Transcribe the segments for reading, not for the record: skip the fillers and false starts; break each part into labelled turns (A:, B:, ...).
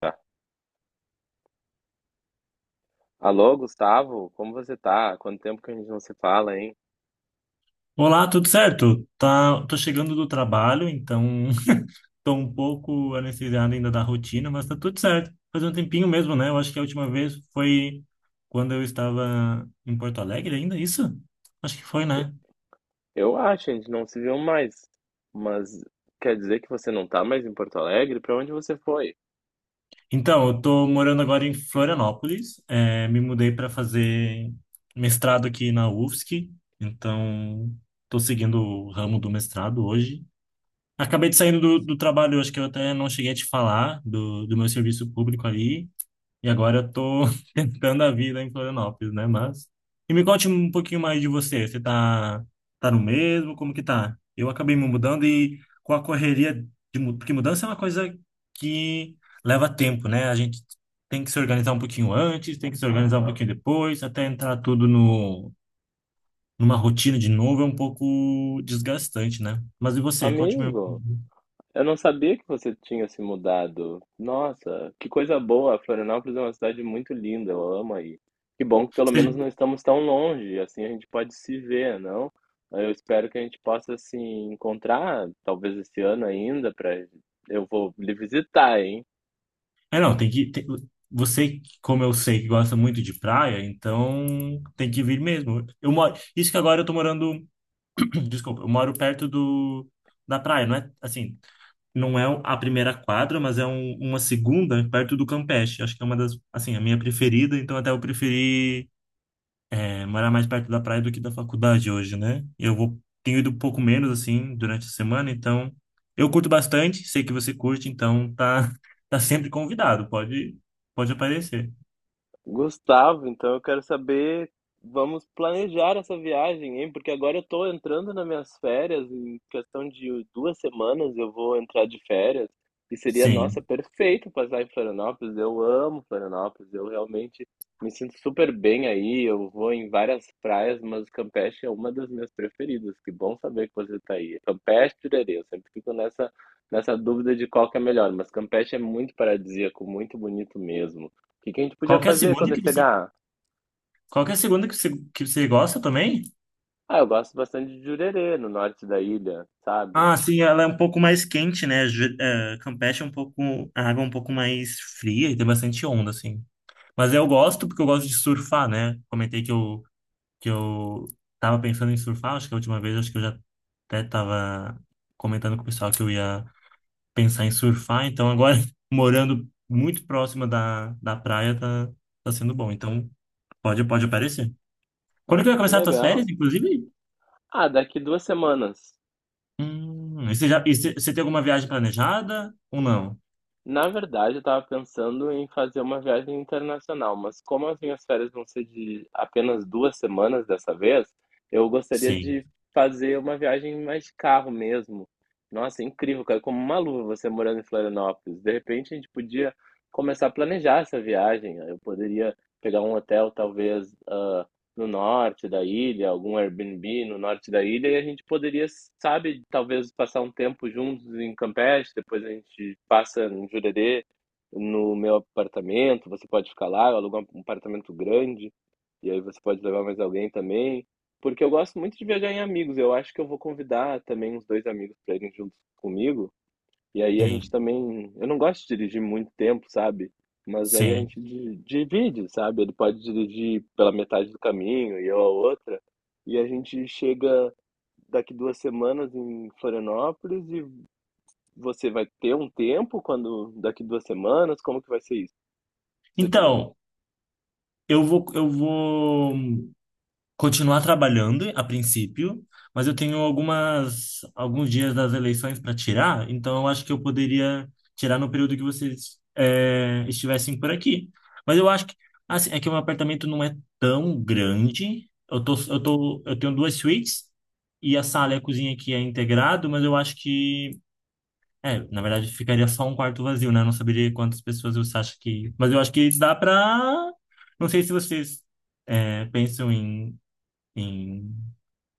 A: Tá. Alô, Gustavo, como você tá? Quanto tempo que a gente não se fala, hein?
B: Olá, tudo certo? Tá, tô chegando do trabalho, então tô um pouco anestesiado ainda da rotina, mas tá tudo certo. Faz um tempinho mesmo, né? Eu acho que a última vez foi quando eu estava em Porto Alegre ainda, isso? Acho que foi,
A: E-
B: né?
A: Eu acho, a gente não se viu mais. Mas quer dizer que você não tá mais em Porto Alegre? Pra onde você foi?
B: Então, eu tô morando agora em Florianópolis, me mudei para fazer mestrado aqui na UFSC, então tô seguindo o ramo do mestrado hoje. Acabei de saindo do trabalho, eu acho que eu até não cheguei a te falar do meu serviço público ali. E agora eu tô tentando a vida em Florianópolis, né? Mas. E me conte um pouquinho mais de você. Você tá, tá no mesmo? Como que tá? Eu acabei me mudando e com a correria Porque mudança é uma coisa que leva tempo, né? A gente tem que se organizar um pouquinho antes, tem que se organizar um pouquinho depois, até entrar tudo no, numa rotina de novo é um pouco desgastante, né? Mas e você? Conte-me.
A: Amigo, eu não sabia que você tinha se mudado. Nossa, que coisa boa! Florianópolis é uma cidade muito linda, eu amo aí. Que bom que pelo menos não estamos tão longe, assim a gente pode se ver, não? Eu espero que a gente possa se encontrar, talvez esse ano ainda, pra. Eu vou lhe visitar, hein?
B: É, não, tem que. Você, como eu sei que gosta muito de praia, então tem que vir mesmo. Eu moro. Isso que agora eu tô morando. Desculpa, eu moro perto do, da praia, não é? Assim, não é a primeira quadra, mas é uma segunda perto do Campeche. Acho que é uma das. Assim, a minha preferida, então até eu preferi. É, morar mais perto da praia do que da faculdade hoje, né? Eu vou, tenho ido um pouco menos, assim, durante a semana, então eu curto bastante, sei que você curte, então tá, tá sempre convidado, pode, pode aparecer.
A: Gustavo, então eu quero saber, vamos planejar essa viagem, hein? Porque agora eu tô entrando nas minhas férias, em questão de duas semanas eu vou entrar de férias, e seria, nossa,
B: Sim.
A: perfeito passar em Florianópolis. Eu amo Florianópolis, eu realmente me sinto super bem aí. Eu vou em várias praias, mas Campeche é uma das minhas preferidas. Que bom saber que você está aí. Campeche, Pirerê, eu sempre fico nessa dúvida de qual que é melhor, mas Campeche é muito paradisíaco, muito bonito mesmo. O que que a gente podia
B: Qualquer
A: fazer quando
B: segunda que
A: ele
B: você,
A: chegar?
B: qualquer segunda que você gosta também?
A: Ah, eu gosto bastante de Jurerê, no norte da ilha, sabe?
B: Ah, sim, ela é um pouco mais quente, né? Campeche é um pouco, a água é um pouco mais fria e tem bastante onda, assim. Mas eu gosto porque eu gosto de surfar, né? Comentei que eu tava pensando em surfar, acho que a última vez, acho que eu já até tava comentando com o pessoal que eu ia pensar em surfar, então agora morando muito próxima da praia tá, tá sendo bom, então pode, pode aparecer. Quando que
A: Ah,
B: vai
A: que
B: começar as tuas
A: legal.
B: férias, inclusive?
A: Ah, daqui duas semanas.
B: E você já, e você tem alguma viagem planejada ou não?
A: Na verdade, eu tava pensando em fazer uma viagem internacional, mas como as minhas férias vão ser de apenas duas semanas dessa vez, eu gostaria
B: Sim,
A: de fazer uma viagem mais de carro mesmo. Nossa, é incrível, cara, como uma luva você morando em Florianópolis. De repente, a gente podia começar a planejar essa viagem. Eu poderia pegar um hotel, talvez, ah, no norte da ilha, algum Airbnb no norte da ilha, e a gente poderia, sabe, talvez passar um tempo juntos em Campeche, depois a gente passa em Jurerê, no meu apartamento, você pode ficar lá, eu alugo um apartamento grande, e aí você pode levar mais alguém também, porque eu gosto muito de viajar em amigos, eu acho que eu vou convidar também uns dois amigos para irem juntos comigo, e aí a gente
B: sim,
A: também. Eu não gosto de dirigir muito tempo, sabe? Mas aí a
B: sim.
A: gente divide, sabe? Ele pode dirigir pela metade do caminho e eu a outra. E a gente chega daqui duas semanas em Florianópolis e você vai ter um tempo quando daqui duas semanas? Como que vai ser isso? Você também?
B: Então, eu vou continuar trabalhando a princípio, mas eu tenho algumas alguns dias das eleições para tirar, então eu acho que eu poderia tirar no período que vocês estivessem por aqui. Mas eu acho que assim, é que o meu apartamento não é tão grande. Eu tenho duas suítes e a sala e a cozinha aqui é integrado, mas eu acho que na verdade ficaria só um quarto vazio, né? Eu não saberia quantas pessoas você acha que, mas eu acho que dá para não sei se vocês pensam em em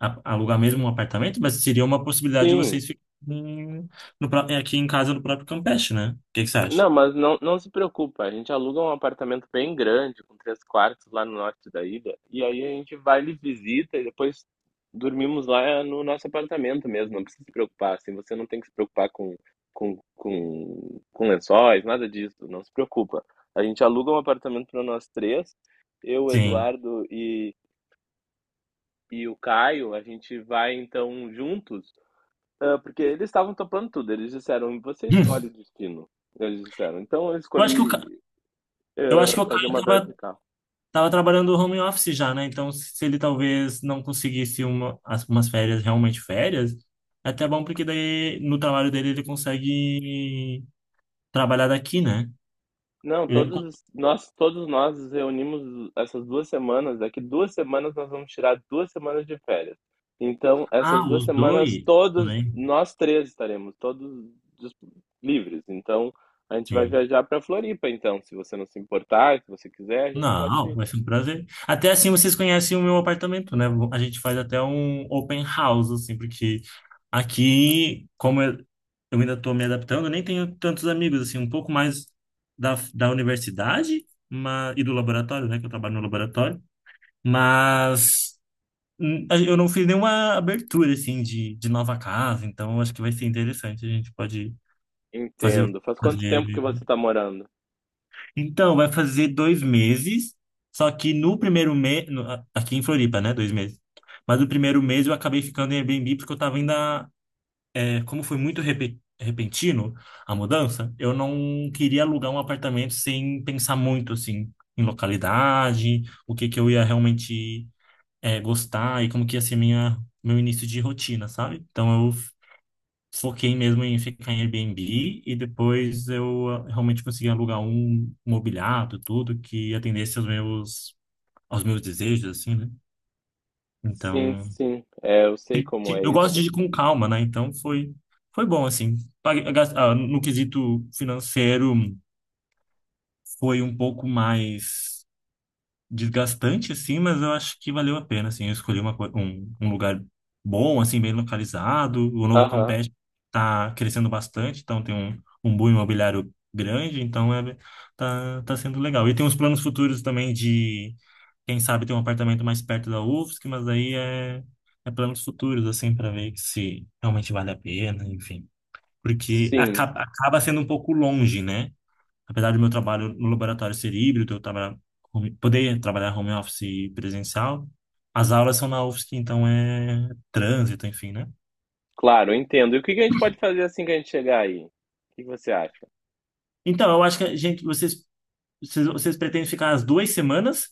B: alugar mesmo um apartamento, mas seria uma possibilidade de
A: Sim,
B: vocês ficarem no aqui em casa no próprio Campeche, né? O que que você acha?
A: não, mas não, não se preocupa. A gente aluga um apartamento bem grande, com três quartos lá no norte da ilha. E aí a gente vai lhe visita e depois dormimos lá no nosso apartamento mesmo. Não precisa se preocupar. Assim, você não tem que se preocupar com, com lençóis, nada disso. Não se preocupa. A gente aluga um apartamento para nós três. Eu, o
B: Sim.
A: Eduardo e o Caio, a gente vai então juntos. Ah, porque eles estavam topando tudo. Eles disseram, você escolhe
B: Hum.
A: o destino. Eles disseram. Então eu
B: Eu acho que o, Ca-
A: escolhi
B: eu acho que o cara
A: fazer uma viagem de carro.
B: tava trabalhando home office já, né? Então, se ele talvez não conseguisse umas férias, realmente férias, é até bom porque daí no trabalho dele ele consegue trabalhar daqui, né?
A: Não,
B: Eu lembro quando...
A: todos nós nos reunimos essas duas semanas. Daqui duas semanas nós vamos tirar duas semanas de férias. Então,
B: Ah,
A: essas duas
B: os
A: semanas,
B: dois
A: todos
B: também.
A: nós três estaremos, todos dis- livres. Então, a gente vai
B: Sim.
A: viajar para Floripa. Então, se você não se importar, se você quiser, a gente pode
B: Não,
A: ir.
B: vai ser um prazer. Até assim vocês conhecem o meu apartamento, né? A gente faz até um open house, assim, porque aqui, como eu ainda estou me adaptando, eu nem tenho tantos amigos, assim, um pouco mais da universidade e do laboratório, né? Que eu trabalho no laboratório. Mas eu não fiz nenhuma abertura, assim, de nova casa, então acho que vai ser interessante. A gente pode fazer,
A: Entendo. Faz quanto
B: fazer.
A: tempo que você está morando?
B: Então, vai fazer dois meses, só que no primeiro mês, aqui em Floripa, né? Dois meses. Mas no primeiro mês eu acabei ficando em Airbnb porque eu tava ainda, como foi muito repentino a mudança, eu não queria alugar um apartamento sem pensar muito, assim, em localidade, o que que eu ia realmente, gostar e como que ia ser minha, meu início de rotina, sabe? Então eu foquei mesmo em ficar em Airbnb e depois eu realmente consegui alugar um mobiliado, tudo que atendesse aos meus desejos assim, né?
A: Sim,
B: Então,
A: sim. É, eu sei como é
B: eu gosto de
A: isso.
B: ir com calma, né? Então foi bom assim. No quesito financeiro foi um pouco mais desgastante, assim, mas eu acho que valeu a pena, assim. Eu escolhi um lugar bom, assim, bem localizado. O Novo
A: Aham.
B: Campeche tá crescendo bastante, então tem um boom imobiliário grande, então tá, tá sendo legal. E tem uns planos futuros também de, quem sabe, ter um apartamento mais perto da UFSC, mas é planos futuros, assim, para ver se realmente vale a pena, enfim. Porque
A: Sim.
B: acaba sendo um pouco longe, né? Apesar do meu trabalho no laboratório ser híbrido, eu trabalhar, poder trabalhar home office e presencial, as aulas são na UFSC, então é trânsito, enfim, né?
A: Claro, eu entendo. E o que que a gente pode fazer assim que a gente chegar aí? O que que você acha?
B: Então, eu acho que a gente, vocês, vocês, vocês pretendem ficar as duas semanas?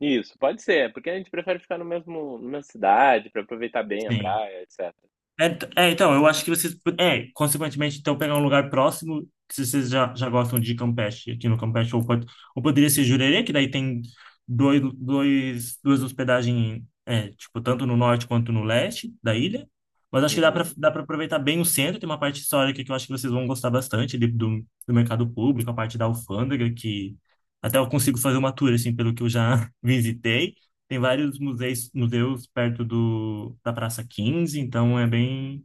A: Isso, pode ser, porque a gente prefere ficar no mesmo, na mesma cidade para aproveitar bem a
B: Sim.
A: praia, etc.
B: Então, eu acho que vocês. Consequentemente, então, pegar um lugar próximo, que se vocês já, já gostam de Campeche, aqui no Campeche, ou poderia ser Jurerê, que daí tem duas hospedagens, é, tipo, tanto no norte quanto no leste da ilha. Mas acho que
A: Uhum.
B: dá para aproveitar bem o centro, tem uma parte histórica que eu acho que vocês vão gostar bastante ali do, do mercado público, a parte da alfândega, que até eu consigo fazer uma tour, assim, pelo que eu já visitei. Tem vários museus, museus perto do, da Praça quinze então é bem.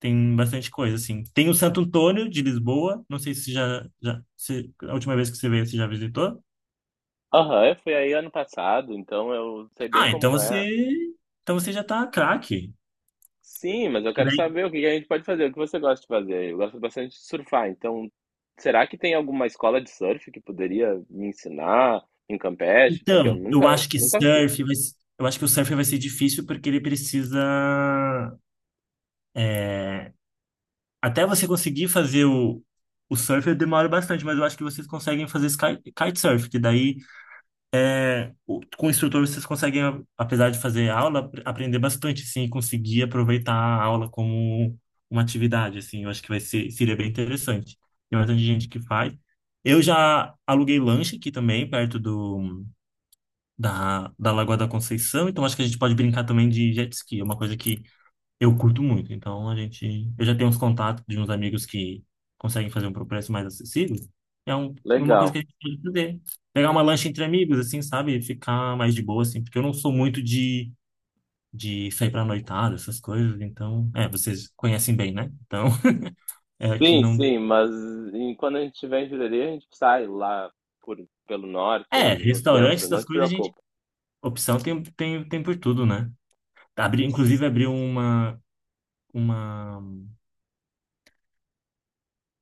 B: Tem bastante coisa, assim. Tem o Santo Antônio de Lisboa, não sei se já se, a última vez que você veio, você já visitou?
A: Aham, eu fui aí ano passado, então eu sei bem
B: Ah, então
A: como é.
B: então você já tá craque.
A: Sim, mas eu
B: Porque
A: quero
B: daí-
A: saber o que que a gente pode fazer, o que você gosta de fazer. Eu gosto bastante de surfar, então será que tem alguma escola de surf que poderia me ensinar em Campeche? Porque eu
B: Então, eu
A: nunca,
B: acho que
A: nunca fiz.
B: surf vai, se- eu acho que o surf vai ser difícil porque ele precisa, é, até você conseguir fazer o surf demora bastante, mas eu acho que vocês conseguem fazer sky, kitesurf, que daí é, com o instrutor vocês conseguem, apesar de fazer aula, aprender bastante, sim, e conseguir aproveitar a aula como uma atividade, assim, eu acho que vai ser, seria bem interessante. Tem bastante gente que faz. Eu já aluguei lanche aqui também, perto do, da Lagoa da Conceição, então acho que a gente pode brincar também de jet ski, é uma coisa que eu curto muito, então a gente. Eu já tenho uns contatos de uns amigos que conseguem fazer um pro preço mais acessível. É uma coisa que a
A: Legal.
B: gente pode fazer. Pegar uma lancha entre amigos, assim, sabe? Ficar mais de boa, assim, porque eu não sou muito de sair pra noitada, essas coisas, então. É, vocês conhecem bem, né? Então, é aqui
A: Sim,
B: não.
A: sim, mas quando a gente estiver em Jurerê, a gente sai lá por, pelo norte ou
B: É,
A: no centro,
B: restaurantes,
A: não
B: das
A: te
B: coisas, a gente.
A: preocupa.
B: Opção tem por tudo, né? Abri, inclusive, abriu uma. Uma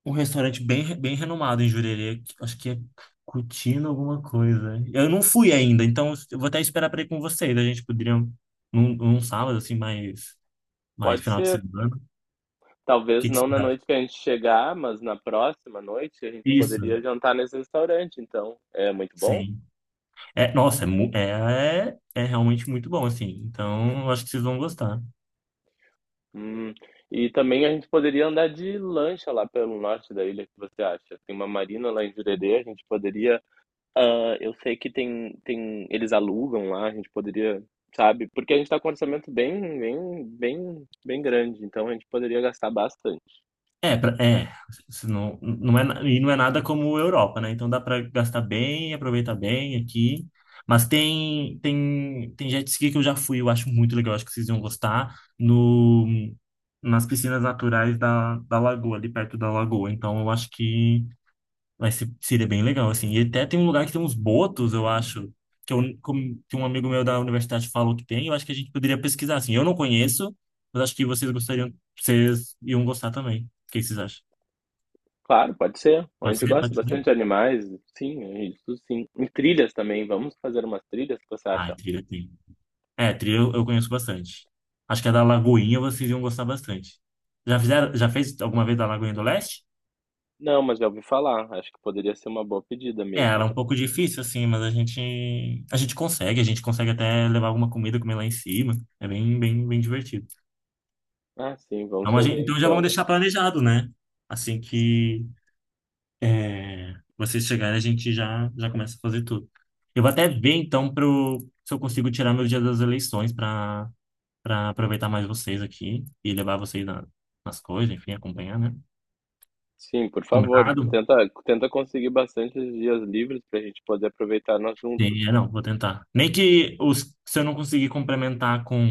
B: Um restaurante bem, bem renomado em Jurerê. Acho que é Cutino alguma coisa. Eu não fui ainda, então eu vou até esperar para ir com vocês. A gente poderia num sábado, assim, mais
A: Pode
B: final de
A: ser,
B: semana. O
A: talvez
B: que que
A: não
B: vocês
A: na
B: acham?
A: noite que a gente chegar, mas na próxima noite a gente
B: Isso,
A: poderia jantar nesse restaurante, então é muito bom.
B: sim. É, nossa, é, mu- é, é realmente muito bom, assim. Então, eu acho que vocês vão gostar.
A: Hum, E também a gente poderia andar de lancha lá pelo norte da ilha, o que você acha? Tem uma marina lá em Jurerê, a gente poderia. Ah, eu sei que tem tem eles alugam lá, a gente poderia, sabe, porque a gente tá com um orçamento bem grande, então a gente poderia gastar bastante.
B: É, pra- é, se não, não é, e não é nada como Europa, né? Então dá para gastar bem, aproveitar bem aqui. Mas tem jet ski que eu já fui, eu acho muito legal, acho que vocês iam gostar, no, nas piscinas naturais da lagoa, ali perto da lagoa. Então eu acho que vai ser, seria bem legal, assim. E até tem um lugar que tem uns botos, eu acho, que um amigo meu da universidade falou que tem, eu acho que a gente poderia pesquisar, assim. Eu não conheço, mas acho que vocês gostariam, vocês iam gostar também. O que vocês acham?
A: Claro, pode ser. A
B: Pode
A: gente
B: ser?
A: gosta
B: Pode ser?
A: bastante de animais, sim, é isso sim. Em trilhas também, vamos fazer umas trilhas, o que você
B: Ah,
A: acha?
B: trilha tem. Trilha eu conheço bastante. Acho que a da Lagoinha vocês iam gostar bastante. Já fizeram, já fez alguma vez da Lagoinha do Leste?
A: Não, mas já ouvi falar, acho que poderia ser uma boa pedida
B: É,
A: mesmo.
B: ela é um pouco difícil, assim, a gente consegue até levar alguma comida, comer lá em cima. É bem, bem, bem divertido.
A: Ah, sim, vamos
B: Então,
A: fazer
B: então já vamos
A: então.
B: deixar planejado, né? Assim que vocês chegarem, já começa a fazer tudo. Eu vou até ver, então, se eu consigo tirar meu dia das eleições para aproveitar mais vocês aqui e levar vocês nas coisas, enfim, acompanhar, né?
A: Sim, por favor,
B: Combinado?
A: tenta conseguir bastante dias livres para a gente poder aproveitar nós juntos.
B: Sim, é, não, vou tentar. Nem que os, se eu não conseguir complementar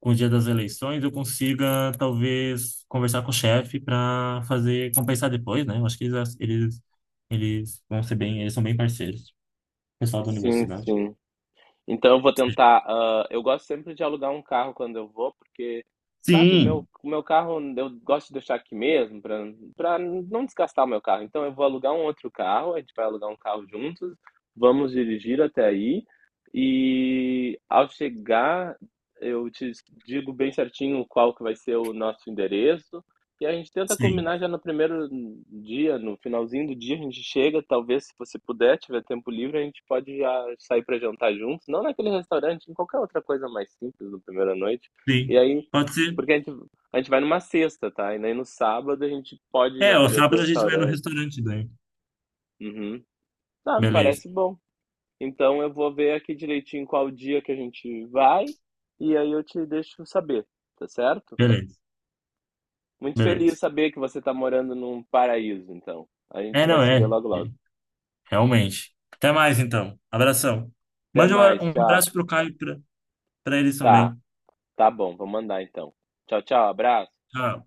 B: com o dia das eleições, eu consiga talvez conversar com o chefe para fazer compensar depois, né? Eu acho que eles vão ser bem, eles são bem parceiros, pessoal da
A: Sim,
B: universidade.
A: sim. Então eu vou tentar. Ah, eu gosto sempre de alugar um carro quando eu vou, porque, sabe,
B: Sim,
A: o meu carro eu gosto de deixar aqui mesmo, para para não desgastar o meu carro. Então eu vou alugar um outro carro, a gente vai alugar um carro juntos, vamos dirigir até aí. E ao chegar, eu te digo bem certinho qual que vai ser o nosso endereço, e a gente tenta
B: sim,
A: combinar já no primeiro dia, no finalzinho do dia, a gente chega, talvez se você puder, tiver tempo livre, a gente pode já sair para jantar juntos, não naquele restaurante, em qualquer outra coisa mais simples na primeira noite. E
B: sim.
A: aí,
B: Pode ser.
A: porque a gente vai numa sexta, tá? E aí no sábado a gente pode ir
B: É, o
A: naquele outro
B: sábado a gente vai no
A: restaurante.
B: restaurante daí.
A: Uhum. Ah, me
B: Beleza,
A: parece bom. Então eu vou ver aqui direitinho qual dia que a gente vai, e aí eu te deixo saber, tá certo?
B: beleza,
A: Muito feliz de
B: beleza.
A: saber que você está morando num paraíso, então. A gente
B: É,
A: vai
B: não
A: se ver
B: é.
A: logo logo.
B: Realmente. Até mais, então. Abração.
A: Até
B: Mande
A: mais,
B: um
A: tchau.
B: abraço pro Caio pra eles
A: Tá,
B: também.
A: tá bom, vou mandar então. Tchau, tchau, abraço.
B: Tchau.